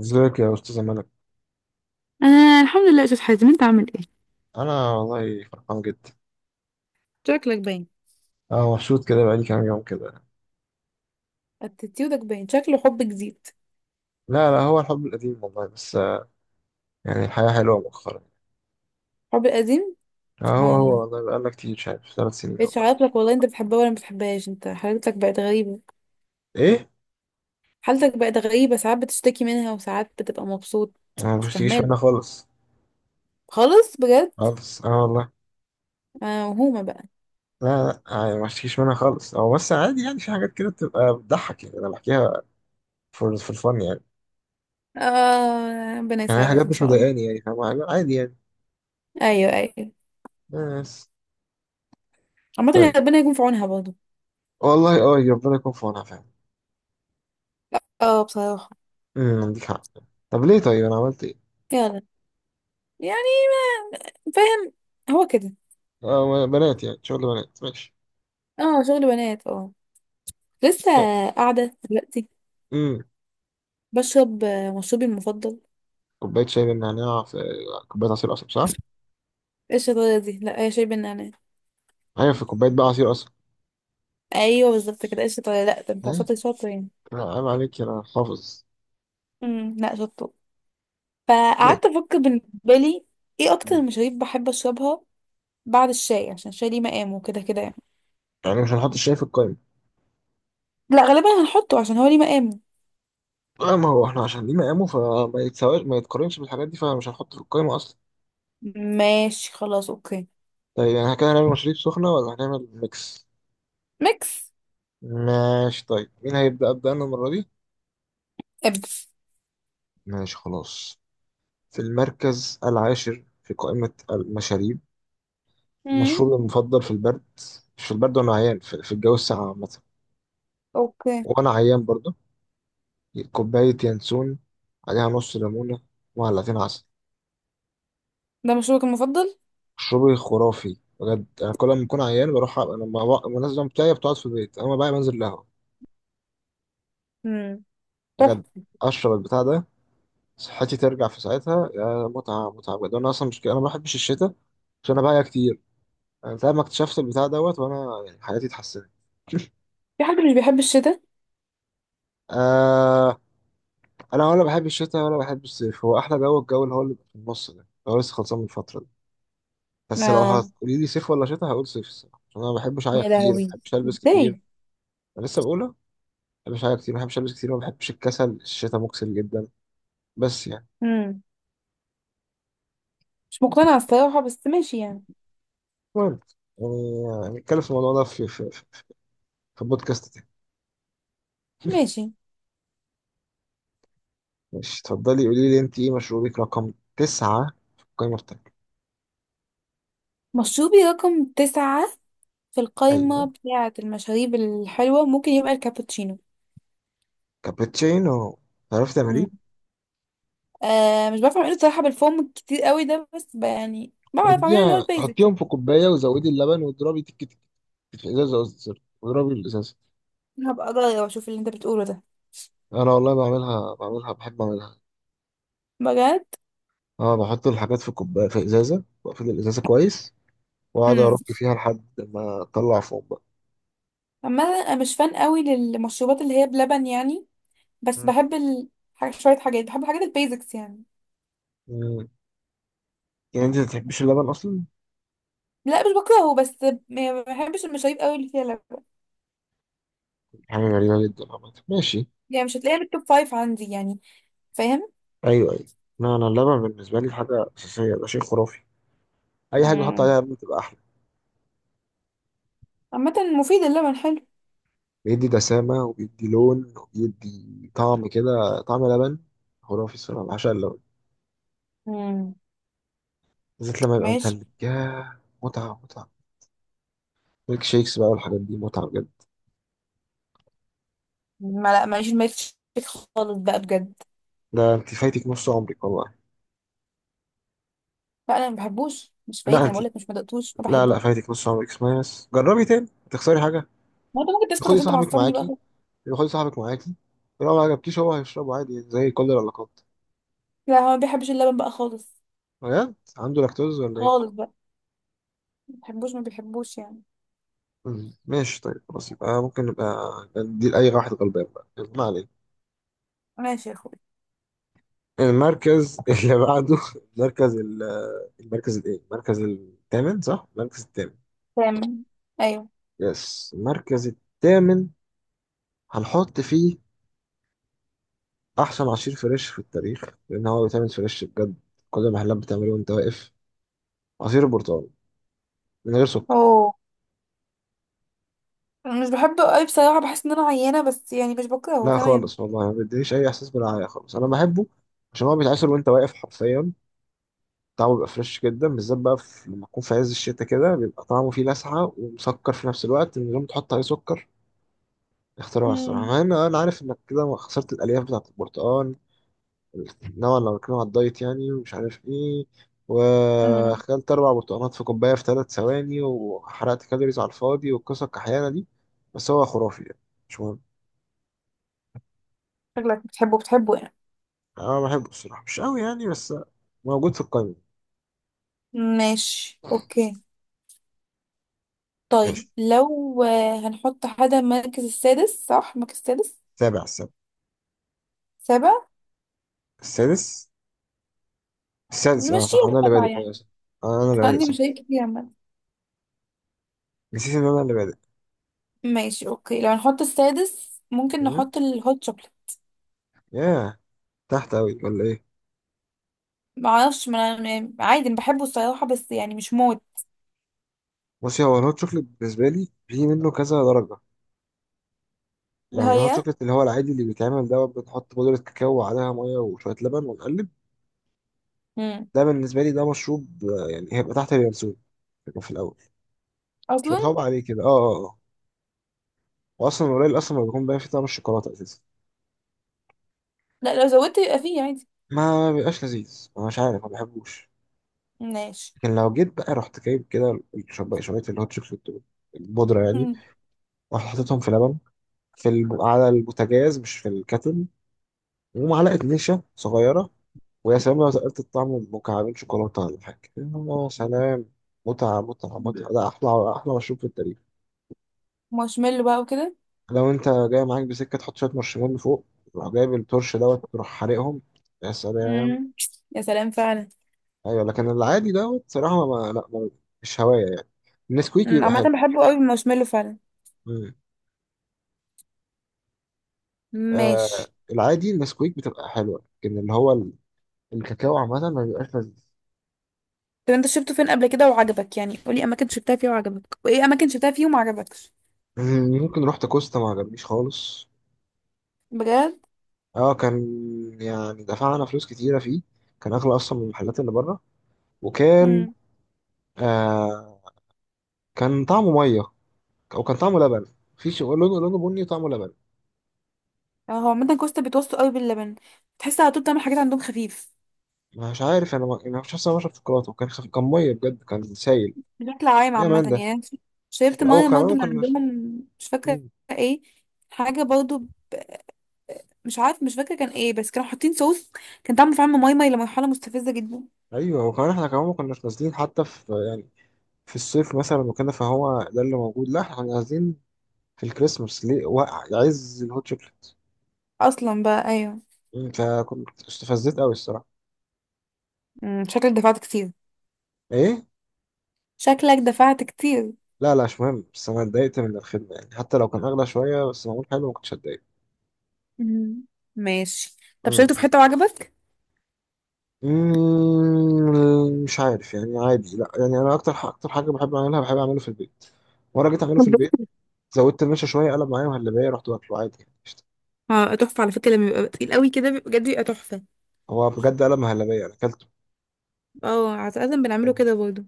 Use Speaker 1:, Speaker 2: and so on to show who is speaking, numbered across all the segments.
Speaker 1: ازيك يا استاذ ملك؟
Speaker 2: انا الحمد لله يا استاذ حازم، انت عامل ايه؟
Speaker 1: انا والله فرحان جدا.
Speaker 2: شكلك باين.
Speaker 1: اه، مبسوط كده بقالي كام يوم كده.
Speaker 2: اتيتيودك باين شكله حب جديد.
Speaker 1: لا، لا، هو الحب القديم والله. بس يعني الحياه حلوه مؤخرا.
Speaker 2: حب قديم.
Speaker 1: اه، هو
Speaker 2: سبحان
Speaker 1: هو
Speaker 2: الله.
Speaker 1: والله، بقالنا كتير شايف 3 سنين
Speaker 2: بقيتش
Speaker 1: والله.
Speaker 2: عارف لك والله، انت بتحبها ولا ما بتحبهاش؟ انت حالتك بقت غريبة.
Speaker 1: ايه؟
Speaker 2: حالتك بقت غريبة، ساعات بتشتكي منها وساعات بتبقى مبسوط.
Speaker 1: انا ما
Speaker 2: مش
Speaker 1: بشتكيش
Speaker 2: فاهمالك.
Speaker 1: منها خالص.
Speaker 2: خالص بجد.
Speaker 1: خالص، اه والله.
Speaker 2: انا موهومة بقى.
Speaker 1: لا، لا، يعني ما بشتكيش منها خالص. هو بس عادي، يعني في حاجات كده بتبقى بتضحك يعني انا بحكيها في الفن يعني.
Speaker 2: اه، ربنا
Speaker 1: يعني
Speaker 2: يساعدك
Speaker 1: حاجات
Speaker 2: ان
Speaker 1: مش
Speaker 2: شاء الله.
Speaker 1: مضايقاني يعني فاهم، لا، عادي يعني.
Speaker 2: ايوه، ايوه.
Speaker 1: بس.
Speaker 2: عامة يعني
Speaker 1: طيب.
Speaker 2: ربنا يكون في عونها برضه.
Speaker 1: والله اه، ربنا يكون في عونها فعلا.
Speaker 2: اه، بصراحة.
Speaker 1: عندك حق. طب ليه؟ طيب انا عملت ايه؟
Speaker 2: يلا. يعني. ما فاهم. هو كده.
Speaker 1: آه، بنات يعني شغل بنات ماشي.
Speaker 2: اه، شغل بنات، اه. لسه.
Speaker 1: لا.
Speaker 2: قاعدة دلوقتي.
Speaker 1: امم.
Speaker 2: بشرب مشروبي المفضل.
Speaker 1: كوباية شاي بالنعناع، في كوباية عصير قصب صح؟
Speaker 2: ايه الشطارة دي؟ لا هي شاي بالنعناع.
Speaker 1: أيوة، في كوباية بقى عصير قصب.
Speaker 2: ايوه بالظبط كده، ايه الشطارة؟ لا ده انت
Speaker 1: إيه؟
Speaker 2: شاطر شاطر يعني.
Speaker 1: لا عيب عليك، أنا حافظ.
Speaker 2: امم، لا شطور.
Speaker 1: ليه؟
Speaker 2: فقعدت افكر بالنسبة لي، ايه اكتر المشاريب بحب اشربها؟ بعد الشاي، عشان الشاي ليه مقامه وكده كده يعني.
Speaker 1: يعني مش هنحط الشاي في القايمة.
Speaker 2: لا غالبا هنحطه عشان هو ليه مقامه.
Speaker 1: آه، ما هو احنا عشان ليه مقامه، فما يتساواش، ما يتقارنش بالحاجات دي، فمش هنحطه في القايمة أصلا.
Speaker 2: ماشي خلاص، اوكي.
Speaker 1: طيب، يعني كده هنعمل مشاريب سخنة ولا هنعمل ميكس؟
Speaker 2: ميكس.
Speaker 1: ماشي. طيب مين هيبدأ؟ أبدأ أنا المرة دي؟
Speaker 2: ابدا.
Speaker 1: ماشي خلاص. في المركز العاشر في قائمة المشاريب،
Speaker 2: امم.
Speaker 1: مشروبي المفضل في البرد. مش في البرد وانا عيان، في الجو الساقع عامة.
Speaker 2: اوكي.
Speaker 1: وانا عيان برضه. كوباية ينسون، عليها نص ليمونة ومعلقتين عسل.
Speaker 2: ده مشروبك المفضل؟
Speaker 1: مشروبي خرافي بجد، انا كل ما بكون عيان بروح لما الناس دي بتاعي بتقعد في البيت اما بقى بنزل القهوة.
Speaker 2: امم.
Speaker 1: بجد،
Speaker 2: تحفة.
Speaker 1: اشرب البتاع ده صحتي ترجع في ساعتها. يا متعة متعة بجد، انا اصلا مش كده، انا ما بحبش الشتاء عشان انا بقى كتير. انا لما اكتشفت البتاع دوت وانا يعني حياتي اتحسنت.
Speaker 2: في حد مش بيحب الشتاء؟
Speaker 1: آه، انا ولا بحب الشتاء ولا بحب الصيف، هو احلى جو الجو اللي هو اللي بيبقى في النص ده، هو لسه خلصان من الفتره دي. بس لو
Speaker 2: اه.
Speaker 1: هتقولي لي صيف ولا شتاء، هقول صيف الصراحه، عشان انا ما بحبش اعيا
Speaker 2: يا
Speaker 1: كتير، ما
Speaker 2: لهوي.
Speaker 1: بحبش البس
Speaker 2: ازاي؟
Speaker 1: كتير. انا لسه بقولها، ما بحبش اعيا كتير، ما بحبش البس كتير، ما بحبش الكسل، الشتاء مكسل جدا. بس يعني.
Speaker 2: امم. مش مقتنعة الصراحة، بس ماشي يعني.
Speaker 1: المهم، يعني هنتكلم في الموضوع ده في البودكاست تاني.
Speaker 2: ماشي.
Speaker 1: ماشي، اتفضلي قولي لي، انت ايه مشروبك رقم 9 في القائمه بتاعتك؟
Speaker 2: مشروبي رقم 9 في القايمة
Speaker 1: ايوه،
Speaker 2: بتاعة المشاريب الحلوة ممكن يبقى الكابتشينو.
Speaker 1: كابتشينو. تعرفي
Speaker 2: مم.
Speaker 1: تعمليه؟
Speaker 2: آه مش بعرف اعمله صراحة بالفوم الكتير قوي ده، بس يعني بعرف اعمله اللي هو
Speaker 1: اديها
Speaker 2: البيزك
Speaker 1: حطيهم
Speaker 2: يعني.
Speaker 1: في كوبايه وزودي اللبن واضربي تك تك تك في ازازه، قصدي سوري، واضربي الازازه.
Speaker 2: هبقى اجرب اشوف اللي انت بتقوله ده.
Speaker 1: انا والله بعملها، بحب اعملها.
Speaker 2: بجد.
Speaker 1: اه، بحط الحاجات في كوبايه في ازازه واقفل الازازه كويس، واقعد
Speaker 2: امم.
Speaker 1: ارك فيها لحد ما اطلع فوق بقى.
Speaker 2: اما انا مش فان قوي للمشروبات اللي هي بلبن يعني. بس
Speaker 1: مم.
Speaker 2: بحب ال... شوية حاجات بحب الحاجات البيزكس يعني.
Speaker 1: مم. يعني انت ما بتحبش اللبن اصلا.
Speaker 2: لا مش بكرهه، بس ما بحبش المشاريب قوي اللي فيها لبن.
Speaker 1: حاجه غريبه جدا عامه، ماشي.
Speaker 2: يعني مش هتلاقيها بالتوب فايف عندي يعني. فاهم؟
Speaker 1: ايوه، ايوه. لا، انا اللبن بالنسبه لي حاجه اساسيه، ده شيء خرافي. اي حاجه بحط
Speaker 2: مم.
Speaker 1: عليها لبن بتبقى احلى.
Speaker 2: عامة مفيد، اللبن حلو.
Speaker 1: بيدي دسامه، وبيدي لون، وبيدي طعم، كده طعم لبن. خرافي الصراحه، بعشق اللبن،
Speaker 2: امم.
Speaker 1: بالذات لما يبقى
Speaker 2: ماشي.
Speaker 1: متلج. ياه، متعة متعة. ميك شيكس بقى والحاجات دي، متعة بجد.
Speaker 2: ما لا ماليش الميلك شيك خالص بقى بجد.
Speaker 1: لا، انت فايتك نص عمرك والله.
Speaker 2: لا انا ما بحبوش، مش
Speaker 1: لا
Speaker 2: فايتني، انا
Speaker 1: انت.
Speaker 2: بقول لك، مش ما دقتوش، ما
Speaker 1: لا، لا،
Speaker 2: بحبوش.
Speaker 1: فايتك نص عمرك، اسمعي بس جربي تاني، هتخسري حاجة؟
Speaker 2: ما انت ممكن تسكت،
Speaker 1: خدي
Speaker 2: عشان انت
Speaker 1: صاحبك
Speaker 2: معصبني
Speaker 1: معاكي،
Speaker 2: بقى.
Speaker 1: خدي صاحبك معاكي، لو ما عجبكيش هو هيشربه عادي زي كل العلاقات.
Speaker 2: لا هو ما بيحبش اللبن بقى خالص.
Speaker 1: بجد، عنده لاكتوز ولا ايه؟
Speaker 2: خالص بقى. ما بحبوش، ما بيحبوش يعني.
Speaker 1: مم. ماشي، طيب، خلاص يبقى ممكن نبقى ندي لأي واحد غلبان بقى، يلا، ما علينا.
Speaker 2: ماشي يا اخوي.
Speaker 1: المركز اللي بعده، المركز ال- المركز الايه؟ المركز الثامن صح؟ المركز الثامن.
Speaker 2: تمام. ايوه.
Speaker 1: يس، المركز الثامن هنحط فيه احسن عصير فريش في التاريخ، لان هو بيتعمل فريش بجد، كل المحلات بتعمله وانت واقف، عصير البرتقال، من غير سكر.
Speaker 2: اوه. أنا مش بحبه قوي بصراحه، بحس ان انا عيانه، بس يعني مش بكرهه
Speaker 1: لا
Speaker 2: تمام.
Speaker 1: خالص والله، ما بيدينيش اي احساس بالرعاية خالص، انا بحبه عشان هو بيتعصر وانت واقف حرفيا، طعمه بيبقى فريش جدا، بالذات بقى في لما تكون في عز الشتاء كده، بيبقى طعمه فيه لسعة ومسكر في نفس الوقت من غير ما تحط عليه سكر. اختراع الصراحة،
Speaker 2: امم.
Speaker 1: مع ان انا عارف انك كده خسرت الالياف بتاعت البرتقال نوعا، لو بتكلم على الدايت يعني، ومش عارف ايه،
Speaker 2: امم.
Speaker 1: واكلت 4 برتقانات في كوبايه في 3 ثواني، وحرقت كالوريز على الفاضي والقصه الكحيانه دي. بس هو خرافي يعني، مش مهم.
Speaker 2: شكلك بتحبه بتحبه يعني.
Speaker 1: انا بحبه الصراحه مش قوي يعني، بس موجود في القائمه.
Speaker 2: ماشي اوكي.
Speaker 1: ماشي،
Speaker 2: طيب، لو هنحط حاجه المركز السادس، صح؟ المركز السادس.
Speaker 1: السابع.
Speaker 2: سابع.
Speaker 1: السادس. السادس، انا
Speaker 2: نمشيها
Speaker 1: صح، انا اللي
Speaker 2: بقى
Speaker 1: بادئ، أيوة
Speaker 2: يعني.
Speaker 1: صح. آه، انا اللي بادئ
Speaker 2: عندي
Speaker 1: صح.
Speaker 2: مشاكل كتير عامة.
Speaker 1: نسيت ان انا اللي بادئ.
Speaker 2: ماشي اوكي، لو هنحط السادس ممكن
Speaker 1: مم.
Speaker 2: نحط الهوت شوكليت.
Speaker 1: ياه، تحت قوي ولا ايه؟
Speaker 2: معرفش ما أنا- يعني عادي انا بحبه الصراحة، بس يعني مش موت.
Speaker 1: بصي، هو الهوت شوكليت بالنسبه لي في منه كذا درجه، يعني الهوت
Speaker 2: هي.
Speaker 1: شوكليت اللي هو العادي اللي بيتعمل دوت بنحط بودرة كاكاو وعليها مية وشوية لبن ونقلب،
Speaker 2: مم.
Speaker 1: ده بالنسبة لي ده مشروب. يعني هيبقى تحت اليانسون، يبقى في الأول، مش
Speaker 2: اصلا.
Speaker 1: متعوب عليه كده، اه، اه، اه. وأصلا قليل، أصلا ما بيكون باين فيه طعم الشوكولاتة أساسا،
Speaker 2: لا لو زودت يبقى فيه عادي.
Speaker 1: ما بيبقاش لذيذ، أنا مش عارف، ما بحبوش.
Speaker 2: ماشي.
Speaker 1: لكن لو جيت بقى رحت جايب كده شوية شوية الهوت شوكليت دول، البودرة يعني،
Speaker 2: مم.
Speaker 1: ورحت حطيتهم في لبن، على البوتاجاز، مش في الكاتل، ومعلقة نشا صغيرة، ويا سلام لو تقلت الطعم، مكعبين شوكولاتة ولا حاجة، يا سلام. متعة متعة متعة، ده أحلى، أحلى مشروب في التاريخ.
Speaker 2: مارشميلو بقى وكده.
Speaker 1: لو أنت جاي معاك بسكة تحط شوية مارشميلو فوق، تروح جايب التورش دوت تروح حارقهم، يا سلام.
Speaker 2: مم. يا سلام فعلا.
Speaker 1: أيوة، لكن العادي دوت صراحة ما، مش هواية يعني. النسكويك
Speaker 2: مم.
Speaker 1: بيبقى
Speaker 2: عامة
Speaker 1: حلو.
Speaker 2: بحبه قوي المارشميلو فعلا.
Speaker 1: مم. آه،
Speaker 2: ماشي.
Speaker 1: العادي النسكويك بتبقى حلوة، لكن الكاكاو عامة ما بيبقاش لذيذ.
Speaker 2: طب انت شفته فين قبل كده وعجبك؟ يعني قولي اماكن شفتها فيه وعجبك، وايه اماكن شفتها فيه وما عجبكش.
Speaker 1: ممكن رحت كوستا ما عجبنيش خالص.
Speaker 2: بجد؟
Speaker 1: اه كان، يعني دفعنا فلوس كتيرة فيه، كان أغلى أصلا من المحلات اللي بره، وكان، آه، كان طعمه مية، أو كان طعمه لبن. في شيء لونه بني وطعمه لبن.
Speaker 2: اه هو عامة كوستا بيتوسطوا قوي باللبن. تحس على طول، بتعمل حاجات عندهم خفيف.
Speaker 1: مش عارف أنا ما أنا مش عارف، أنا بشرب شوكولاتة وكان كان مية بجد، كان سايل،
Speaker 2: بشكل عام
Speaker 1: يا
Speaker 2: عامة
Speaker 1: مان ده،
Speaker 2: يعني أنا شربت
Speaker 1: أو
Speaker 2: مية
Speaker 1: كمان ما
Speaker 2: برضه من عندهم،
Speaker 1: كناش.
Speaker 2: مش فاكرة.
Speaker 1: مم.
Speaker 2: ايه. حاجة برضه. مش عارف، مش فاكرة كان ايه، بس كانوا حاطين صوص. كان طعمه فعلا ماي ماي لمرحلة مستفزة جدا.
Speaker 1: أيوه، وكمان إحنا كمان ما كناش نازلين حتى في يعني في الصيف مثلا وكده فهو ده اللي موجود، لا إحنا كنا نازلين في الكريسماس، ليه وقع عايز الهوت شوكليت.
Speaker 2: اصلا بقى، ايوه.
Speaker 1: مم. فكنت استفزت أوي الصراحة.
Speaker 2: مم، شكلك دفعت كتير.
Speaker 1: إيه؟
Speaker 2: شكلك دفعت كتير؟
Speaker 1: لا، لا، مش مهم، بس انا اتضايقت من الخدمه يعني، حتى لو كان اغلى شويه بس معمول حلو ما كنتش اتضايق.
Speaker 2: مم. ماشي. طب
Speaker 1: امم.
Speaker 2: شربته في حتة وعجبك؟
Speaker 1: مش عارف يعني، عادي، لا يعني انا اكتر اكتر حاجه بحب اعملها، بحب اعمله في البيت. مره جيت اعمله
Speaker 2: طب.
Speaker 1: في البيت، زودت المشا شويه، قلب معايا مهلبيه، رحت واكله عادي يعني قشطة.
Speaker 2: اه تحفة على فكرة، لما بيبقى تقيل قوي كده بجد بيبقى تحفة.
Speaker 1: هو بجد قلب مهلبيه انا اكلته،
Speaker 2: اه عادة بنعمله
Speaker 1: يعني.
Speaker 2: كده برضه.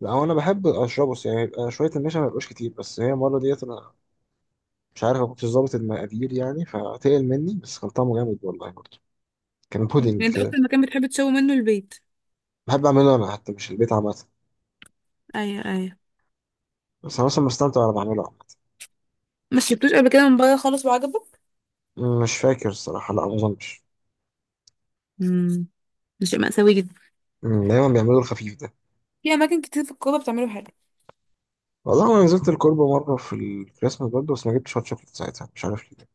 Speaker 1: لا، هو انا بحب اشربه بس يعني يبقى شويه المشا ما يبقاش كتير، بس هي المره ديت انا مش عارف ما كنتش ظابط المقادير يعني فتقل مني، بس كان طعمه جامد والله برضه، كان
Speaker 2: يعني
Speaker 1: بودنج
Speaker 2: انت
Speaker 1: كده.
Speaker 2: اكتر مكان بتحب تشوي منه البيت؟
Speaker 1: بحب اعمله انا حتى مش البيت عامه.
Speaker 2: ايوه، ايوه.
Speaker 1: بس أنا مثلا بستمتع وأنا بعمله.
Speaker 2: مش جبتوش قبل كده من بره خالص وعجبك؟
Speaker 1: عامة. مش فاكر الصراحة، لا ما أظنش.
Speaker 2: امم. ده شيء مأساوي جدا.
Speaker 1: دايما بيعملوا الخفيف ده.
Speaker 2: في اماكن كتير في الكوبا بتعمله حلو.
Speaker 1: والله أنا نزلت الكوربة مرة في الكريسماس برضه بس ما جبتش هوت شوكليت ساعتها مش عارف ليه.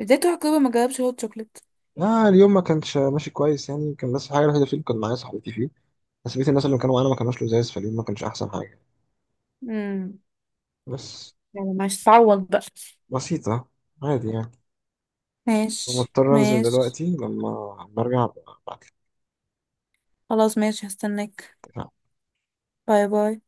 Speaker 2: ازاي تروح الكوبا ما جربش هوت شوكليت؟
Speaker 1: لا، اليوم ما كانش ماشي كويس يعني، كان بس الحاجة الوحيدة فيه اللي كان معايا صاحبتي فيه، بس بقية الناس اللي كانوا معانا ما كانوش لزاز، فاليوم ما كانش أحسن حاجة.
Speaker 2: امم.
Speaker 1: بس.
Speaker 2: يعني ماشي، تعوض بقى.
Speaker 1: بسيطة، عادي يعني.
Speaker 2: ماشي
Speaker 1: مضطر أنزل
Speaker 2: ماشي.
Speaker 1: دلوقتي لما برجع أبعتلك.
Speaker 2: خلاص ماشي، هستناك. باي باي.